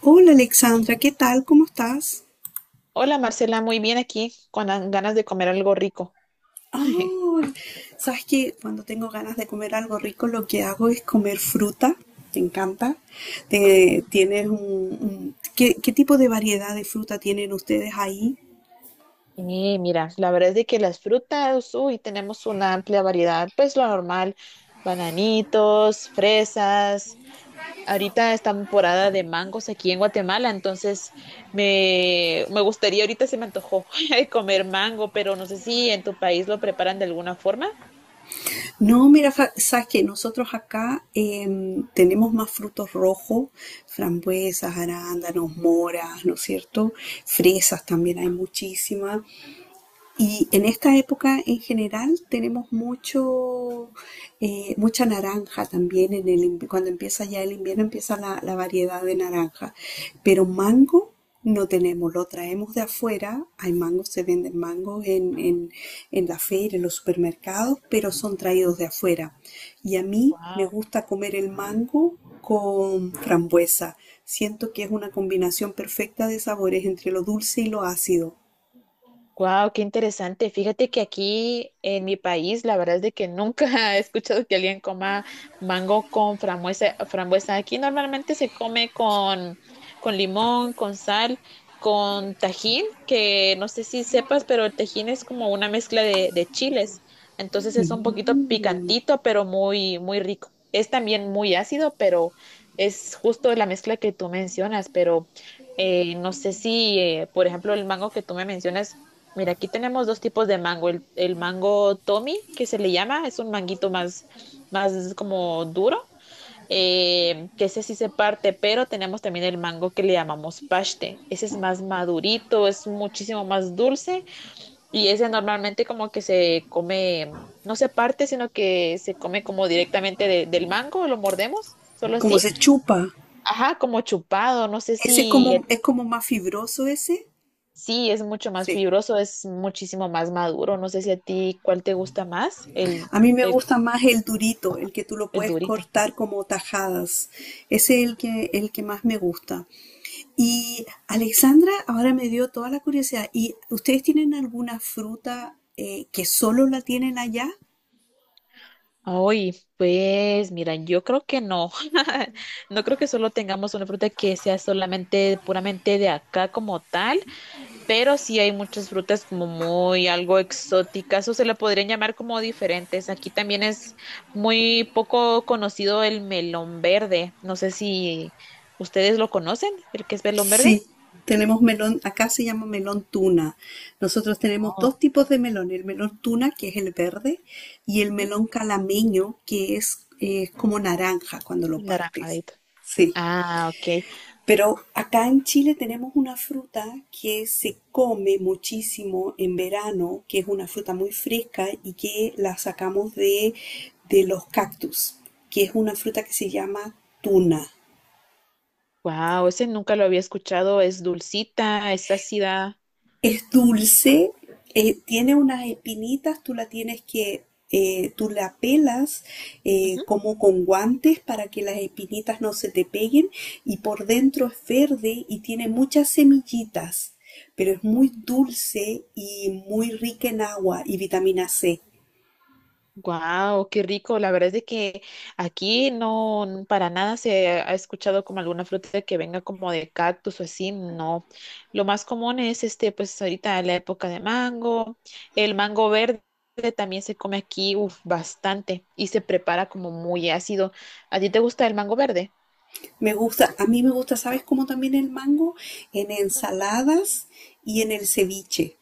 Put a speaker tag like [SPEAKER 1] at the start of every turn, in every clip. [SPEAKER 1] Hola Alexandra, ¿qué tal? ¿Cómo estás?
[SPEAKER 2] Hola Marcela, muy bien aquí, con las ganas de comer algo rico.
[SPEAKER 1] Oh, sabes que cuando tengo ganas de comer algo rico, lo que hago es comer fruta. ¿Te encanta? ¿Tienes ¿qué, qué tipo de variedad de fruta tienen ustedes ahí?
[SPEAKER 2] Y mira, la verdad es de que las frutas, uy, tenemos una amplia variedad, pues lo normal, bananitos, fresas. Ahorita está temporada de mangos aquí en Guatemala, entonces me gustaría, ahorita se me antojó comer mango, pero no sé si en tu país lo preparan de alguna forma.
[SPEAKER 1] No, mira, sabes que nosotros acá tenemos más frutos rojos, frambuesas, arándanos, moras, ¿no es cierto? Fresas también hay muchísimas. Y en esta época en general tenemos mucha naranja también. Cuando empieza ya el invierno empieza la variedad de naranja. Pero mango no tenemos, lo traemos de afuera. Hay mangos, se venden mangos en la feria, en los supermercados, pero son traídos de afuera. Y a mí me
[SPEAKER 2] Wow.
[SPEAKER 1] gusta comer el mango con frambuesa. Siento que es una combinación perfecta de sabores entre lo dulce y lo ácido.
[SPEAKER 2] Wow, qué interesante. Fíjate que aquí en mi país, la verdad es de que nunca he escuchado que alguien coma mango con frambuesa. Aquí normalmente se come con limón, con sal, con tajín, que no sé si sepas, pero el tajín es como una mezcla de chiles. Entonces es un poquito picantito, pero muy, muy rico. Es también muy ácido, pero es justo la mezcla que tú mencionas, pero no sé si, por ejemplo, el mango que tú me mencionas. Mira, aquí tenemos dos tipos de mango. El mango Tommy, que se le llama, es un manguito más, más como duro, que ese sí se parte, pero tenemos también el mango que le llamamos paste. Ese es más madurito, es muchísimo más dulce y ese normalmente como que se come, no se parte, sino que se come como directamente de- del mango, lo mordemos, solo
[SPEAKER 1] Como
[SPEAKER 2] así.
[SPEAKER 1] se chupa.
[SPEAKER 2] Ajá, como chupado. No sé
[SPEAKER 1] Ese
[SPEAKER 2] si
[SPEAKER 1] es como más fibroso ese.
[SPEAKER 2] sí, es mucho más
[SPEAKER 1] Sí.
[SPEAKER 2] fibroso, es muchísimo más maduro. No sé si a ti cuál te gusta más, el,
[SPEAKER 1] A mí me
[SPEAKER 2] el,
[SPEAKER 1] gusta más el durito, el que tú lo
[SPEAKER 2] el
[SPEAKER 1] puedes
[SPEAKER 2] durito.
[SPEAKER 1] cortar como tajadas. Ese es el que más me gusta. Y Alexandra, ahora me dio toda la curiosidad. ¿Y ustedes tienen alguna fruta que solo la tienen allá?
[SPEAKER 2] Ay, pues mira, yo creo que no. No creo que solo tengamos una fruta que sea solamente puramente de acá como tal, pero sí hay muchas frutas como muy algo exóticas o se le podrían llamar como diferentes. Aquí también es muy poco conocido el melón verde. No sé si ustedes lo conocen, el que es melón
[SPEAKER 1] Sí,
[SPEAKER 2] verde.
[SPEAKER 1] tenemos melón, acá se llama melón tuna. Nosotros tenemos
[SPEAKER 2] Oh.
[SPEAKER 1] dos tipos de melón, el melón tuna, que es el verde, y el melón calameño, que es como naranja cuando lo partes.
[SPEAKER 2] Naranjadito.
[SPEAKER 1] Sí,
[SPEAKER 2] Ah, ok.
[SPEAKER 1] pero acá en Chile tenemos una fruta que se come muchísimo en verano, que es una fruta muy fresca y que la sacamos de los cactus, que es una fruta que se llama tuna.
[SPEAKER 2] Wow, ese nunca lo había escuchado. Es dulcita, es ácida.
[SPEAKER 1] Es dulce, tiene unas espinitas, tú la pelas como con guantes para que las espinitas no se te peguen y por dentro es verde y tiene muchas semillitas, pero es muy dulce y muy rica en agua y vitamina C.
[SPEAKER 2] Wow, qué rico. La verdad es de que aquí no n- para nada se ha escuchado como alguna fruta que venga como de cactus o así. No. Lo más común es este, pues ahorita la época de mango. El mango verde también se come aquí, uf, bastante y se prepara como muy ácido. ¿A ti te gusta el mango verde?
[SPEAKER 1] Me gusta, a mí me gusta, ¿sabes cómo también el mango? En ensaladas y en el ceviche.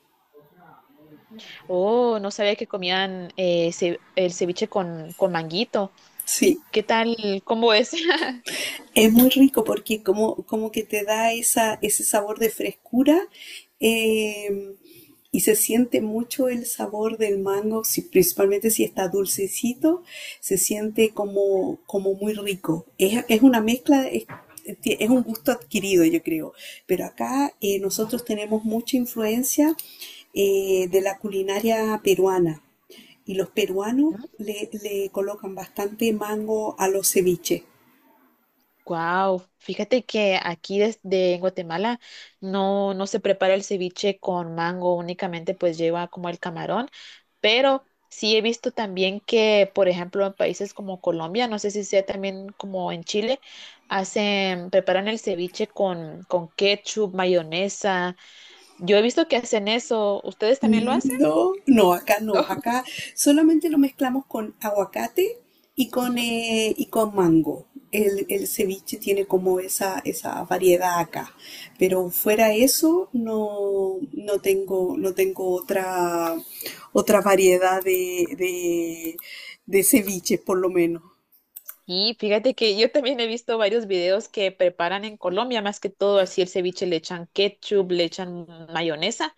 [SPEAKER 2] Oh, no sabía que comían ce- el ceviche con manguito. ¿Y
[SPEAKER 1] Sí.
[SPEAKER 2] qué tal? ¿Cómo es?
[SPEAKER 1] Es muy rico porque como que te da ese sabor de frescura eh, y se siente mucho el sabor del mango, principalmente si está dulcecito, se siente como, como muy rico. Es una es un gusto adquirido, yo creo. Pero acá
[SPEAKER 2] Ujú.
[SPEAKER 1] nosotros tenemos mucha influencia de la culinaria peruana y los peruanos le colocan bastante mango a los ceviches.
[SPEAKER 2] Wow, fíjate que aquí desde en Guatemala no, no se prepara el ceviche con mango, únicamente pues lleva como el camarón, pero sí he visto también que, por ejemplo, en países como Colombia, no sé si sea también como en Chile, hacen, preparan el ceviche con ketchup, mayonesa. Yo he visto que hacen eso. ¿Ustedes también lo hacen?
[SPEAKER 1] No, no, acá no, acá solamente lo mezclamos con aguacate
[SPEAKER 2] Ujú.
[SPEAKER 1] y con mango. El ceviche tiene como esa variedad acá, pero fuera eso no, no tengo otra variedad de ceviche, por lo menos.
[SPEAKER 2] Sí, fíjate que yo también he visto varios videos que preparan en Colombia, más que todo así el ceviche le echan ketchup, le echan mayonesa,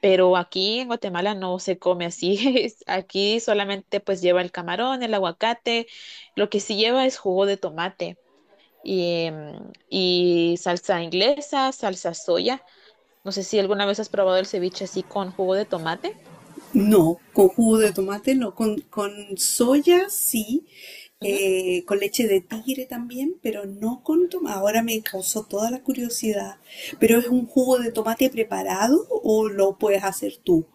[SPEAKER 2] pero aquí en Guatemala no se come así. Es- aquí solamente pues lleva el camarón, el aguacate, lo que sí lleva es jugo de tomate y, y salsa inglesa, salsa soya. No sé si alguna vez has probado el ceviche así con jugo de tomate.
[SPEAKER 1] No, con jugo de tomate no, con soya sí,
[SPEAKER 2] No.
[SPEAKER 1] con leche de tigre también, pero no con tomate. Ahora me causó toda la curiosidad, pero ¿es un jugo de tomate preparado o lo puedes hacer tú?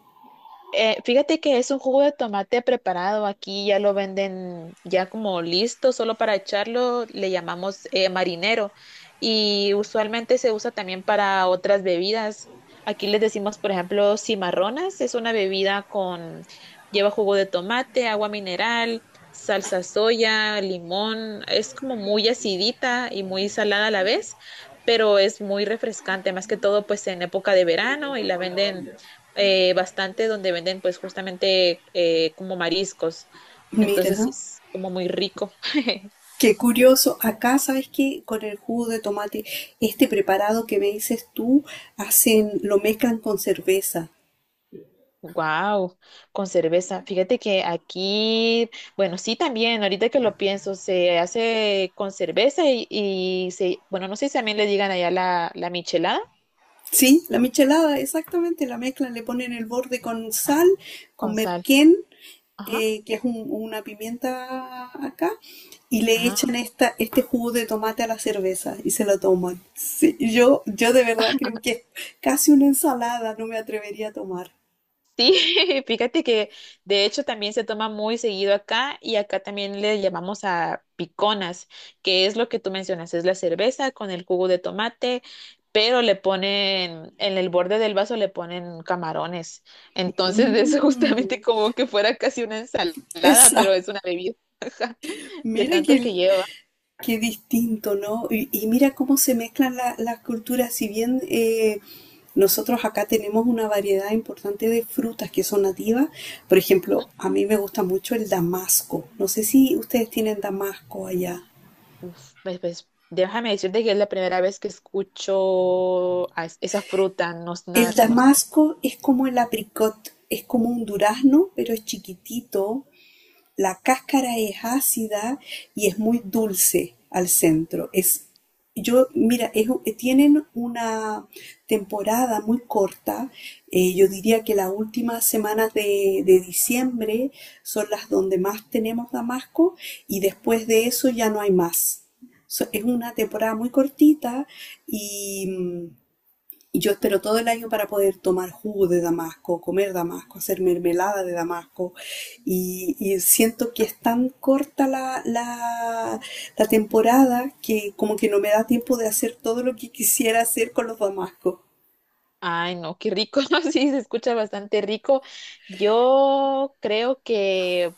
[SPEAKER 2] Fíjate que es un jugo de tomate preparado aquí, ya lo venden ya como listo, solo para echarlo, le llamamos marinero y usualmente se usa también para otras bebidas. Aquí les decimos, por ejemplo, cimarronas, es una bebida con, lleva jugo de tomate, agua mineral, salsa soya, limón, es como muy acidita y muy salada a la vez, pero es muy refrescante, más que todo pues en época de verano y la venden bastante donde venden pues justamente como mariscos.
[SPEAKER 1] Mira,
[SPEAKER 2] Entonces es como muy rico.
[SPEAKER 1] qué curioso. Acá, ¿sabes qué? Con el jugo de tomate, este preparado que me dices tú, hacen, lo mezclan con cerveza.
[SPEAKER 2] Wow, con cerveza. Fíjate que aquí, bueno, sí también, ahorita que lo pienso, se hace con cerveza y se, bueno, no sé si también le digan allá la, la michelada
[SPEAKER 1] Sí, la michelada, exactamente, la mezclan, le ponen el borde con sal, con
[SPEAKER 2] con sal.
[SPEAKER 1] merquén, una pimienta acá, y le echan
[SPEAKER 2] Ajá.
[SPEAKER 1] este jugo de tomate a la cerveza y se lo toman. Sí, yo de verdad creo que es casi una ensalada, no me atrevería a tomar.
[SPEAKER 2] Sí, fíjate que de hecho también se toma muy seguido acá y acá también le llamamos a piconas, que es lo que tú mencionas, es la cerveza con el jugo de tomate, pero le ponen, en el borde del vaso le ponen camarones. Entonces es justamente
[SPEAKER 1] Mm,
[SPEAKER 2] como que fuera casi una ensalada, pero
[SPEAKER 1] exacto.
[SPEAKER 2] es una bebida ajá, de
[SPEAKER 1] Mira que
[SPEAKER 2] tanto que lleva.
[SPEAKER 1] Qué distinto, ¿no? Y mira cómo se mezclan las culturas. Si bien nosotros acá tenemos una variedad importante de frutas que son nativas, por
[SPEAKER 2] Ujú.
[SPEAKER 1] ejemplo, a mí me gusta mucho el damasco. No sé si ustedes tienen damasco allá.
[SPEAKER 2] Uf, pues, pues, déjame decirte que es la primera vez que escucho a es- esa fruta, no es
[SPEAKER 1] El
[SPEAKER 2] nada conocida.
[SPEAKER 1] damasco es como el apricot, es como un durazno, pero es chiquitito, la cáscara es ácida y es muy dulce al centro. Es, yo, mira, es Tienen una temporada muy corta. Yo diría que las últimas semanas de diciembre son las donde más tenemos damasco y después de eso ya no hay más. Es una temporada muy cortita y y yo espero todo el año para poder tomar jugo de Damasco, comer Damasco, hacer mermelada de Damasco. Y siento que es tan corta la temporada que como que no me da tiempo de hacer todo lo que quisiera hacer con los Damascos.
[SPEAKER 2] Ay, no, qué rico, no sí, se escucha bastante rico. Yo creo que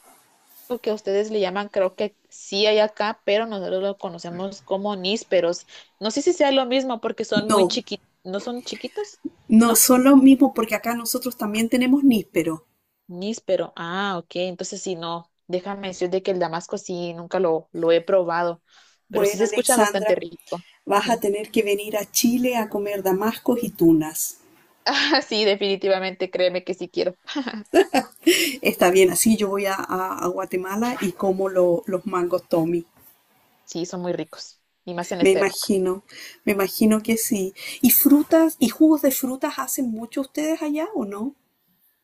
[SPEAKER 2] lo que ustedes le llaman, creo que sí hay acá, pero nosotros lo conocemos como nísperos. No sé si sea lo mismo porque son muy
[SPEAKER 1] No,
[SPEAKER 2] chiquitos, no son chiquitos,
[SPEAKER 1] no
[SPEAKER 2] ¿no?
[SPEAKER 1] son los mismos porque acá nosotros también tenemos níspero.
[SPEAKER 2] Níspero, ah, ok, entonces sí, no, déjame decirte que el damasco sí, nunca lo, lo he probado, pero sí se
[SPEAKER 1] Bueno,
[SPEAKER 2] escucha bastante
[SPEAKER 1] Alexandra,
[SPEAKER 2] rico.
[SPEAKER 1] vas a
[SPEAKER 2] Ujú.
[SPEAKER 1] tener que venir a Chile a comer damascos y tunas.
[SPEAKER 2] Ah, sí, definitivamente, créeme que sí quiero.
[SPEAKER 1] Está bien, así yo voy a Guatemala y como los mangos Tommy.
[SPEAKER 2] Sí, son muy ricos, y más en
[SPEAKER 1] Me
[SPEAKER 2] esta época.
[SPEAKER 1] imagino, me imagino que sí. ¿Y frutas y jugos de frutas hacen mucho ustedes allá o no?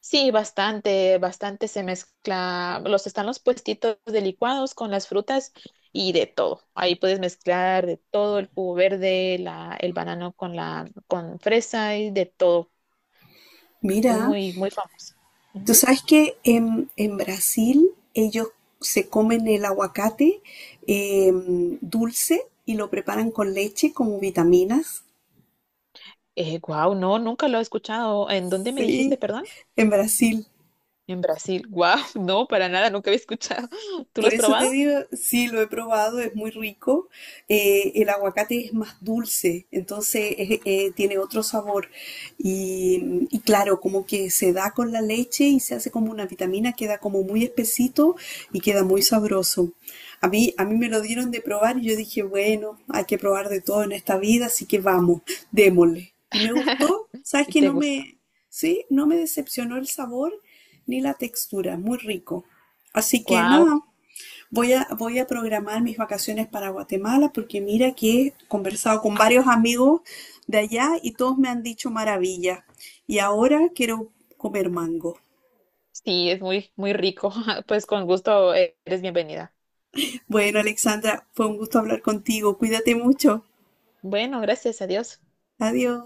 [SPEAKER 2] Sí, bastante, bastante se mezcla. Los están los puestitos de licuados con las frutas y de todo. Ahí puedes mezclar de todo, el jugo verde, la, el banano con la, con fresa y de todo. Es
[SPEAKER 1] Mira,
[SPEAKER 2] muy, muy famoso.
[SPEAKER 1] tú
[SPEAKER 2] Ujú.
[SPEAKER 1] sabes que en Brasil ellos se comen el aguacate eh, dulce y lo preparan con leche como vitaminas.
[SPEAKER 2] Guau, no, nunca lo he escuchado. ¿En dónde me dijiste,
[SPEAKER 1] Sí,
[SPEAKER 2] perdón?
[SPEAKER 1] en Brasil.
[SPEAKER 2] En Brasil. Guau, no, para nada, nunca había escuchado. ¿Tú lo
[SPEAKER 1] Por
[SPEAKER 2] has
[SPEAKER 1] eso
[SPEAKER 2] probado?
[SPEAKER 1] te digo, sí, lo he probado, es muy rico. El aguacate es más dulce, tiene otro sabor. Y claro, como que se da con la leche y se hace como una vitamina, queda como muy espesito y queda muy
[SPEAKER 2] Ujú.
[SPEAKER 1] sabroso. A mí me lo dieron de probar y yo dije, bueno, hay que probar de todo en esta vida, así que vamos, démosle. Y me gustó, sabes
[SPEAKER 2] ¿Y
[SPEAKER 1] que
[SPEAKER 2] te
[SPEAKER 1] no
[SPEAKER 2] gusta?
[SPEAKER 1] me, sí, no me decepcionó el sabor ni la textura, muy rico. Así que
[SPEAKER 2] Guau,
[SPEAKER 1] nada. Voy a, voy a programar mis vacaciones para Guatemala porque mira que he conversado con varios amigos de allá y todos me han dicho maravilla. Y ahora quiero comer mango.
[SPEAKER 2] sí, es muy, muy rico. Pues con gusto eres bienvenida.
[SPEAKER 1] Bueno, Alexandra, fue un gusto hablar contigo. Cuídate mucho.
[SPEAKER 2] Bueno, gracias, adiós.
[SPEAKER 1] Adiós.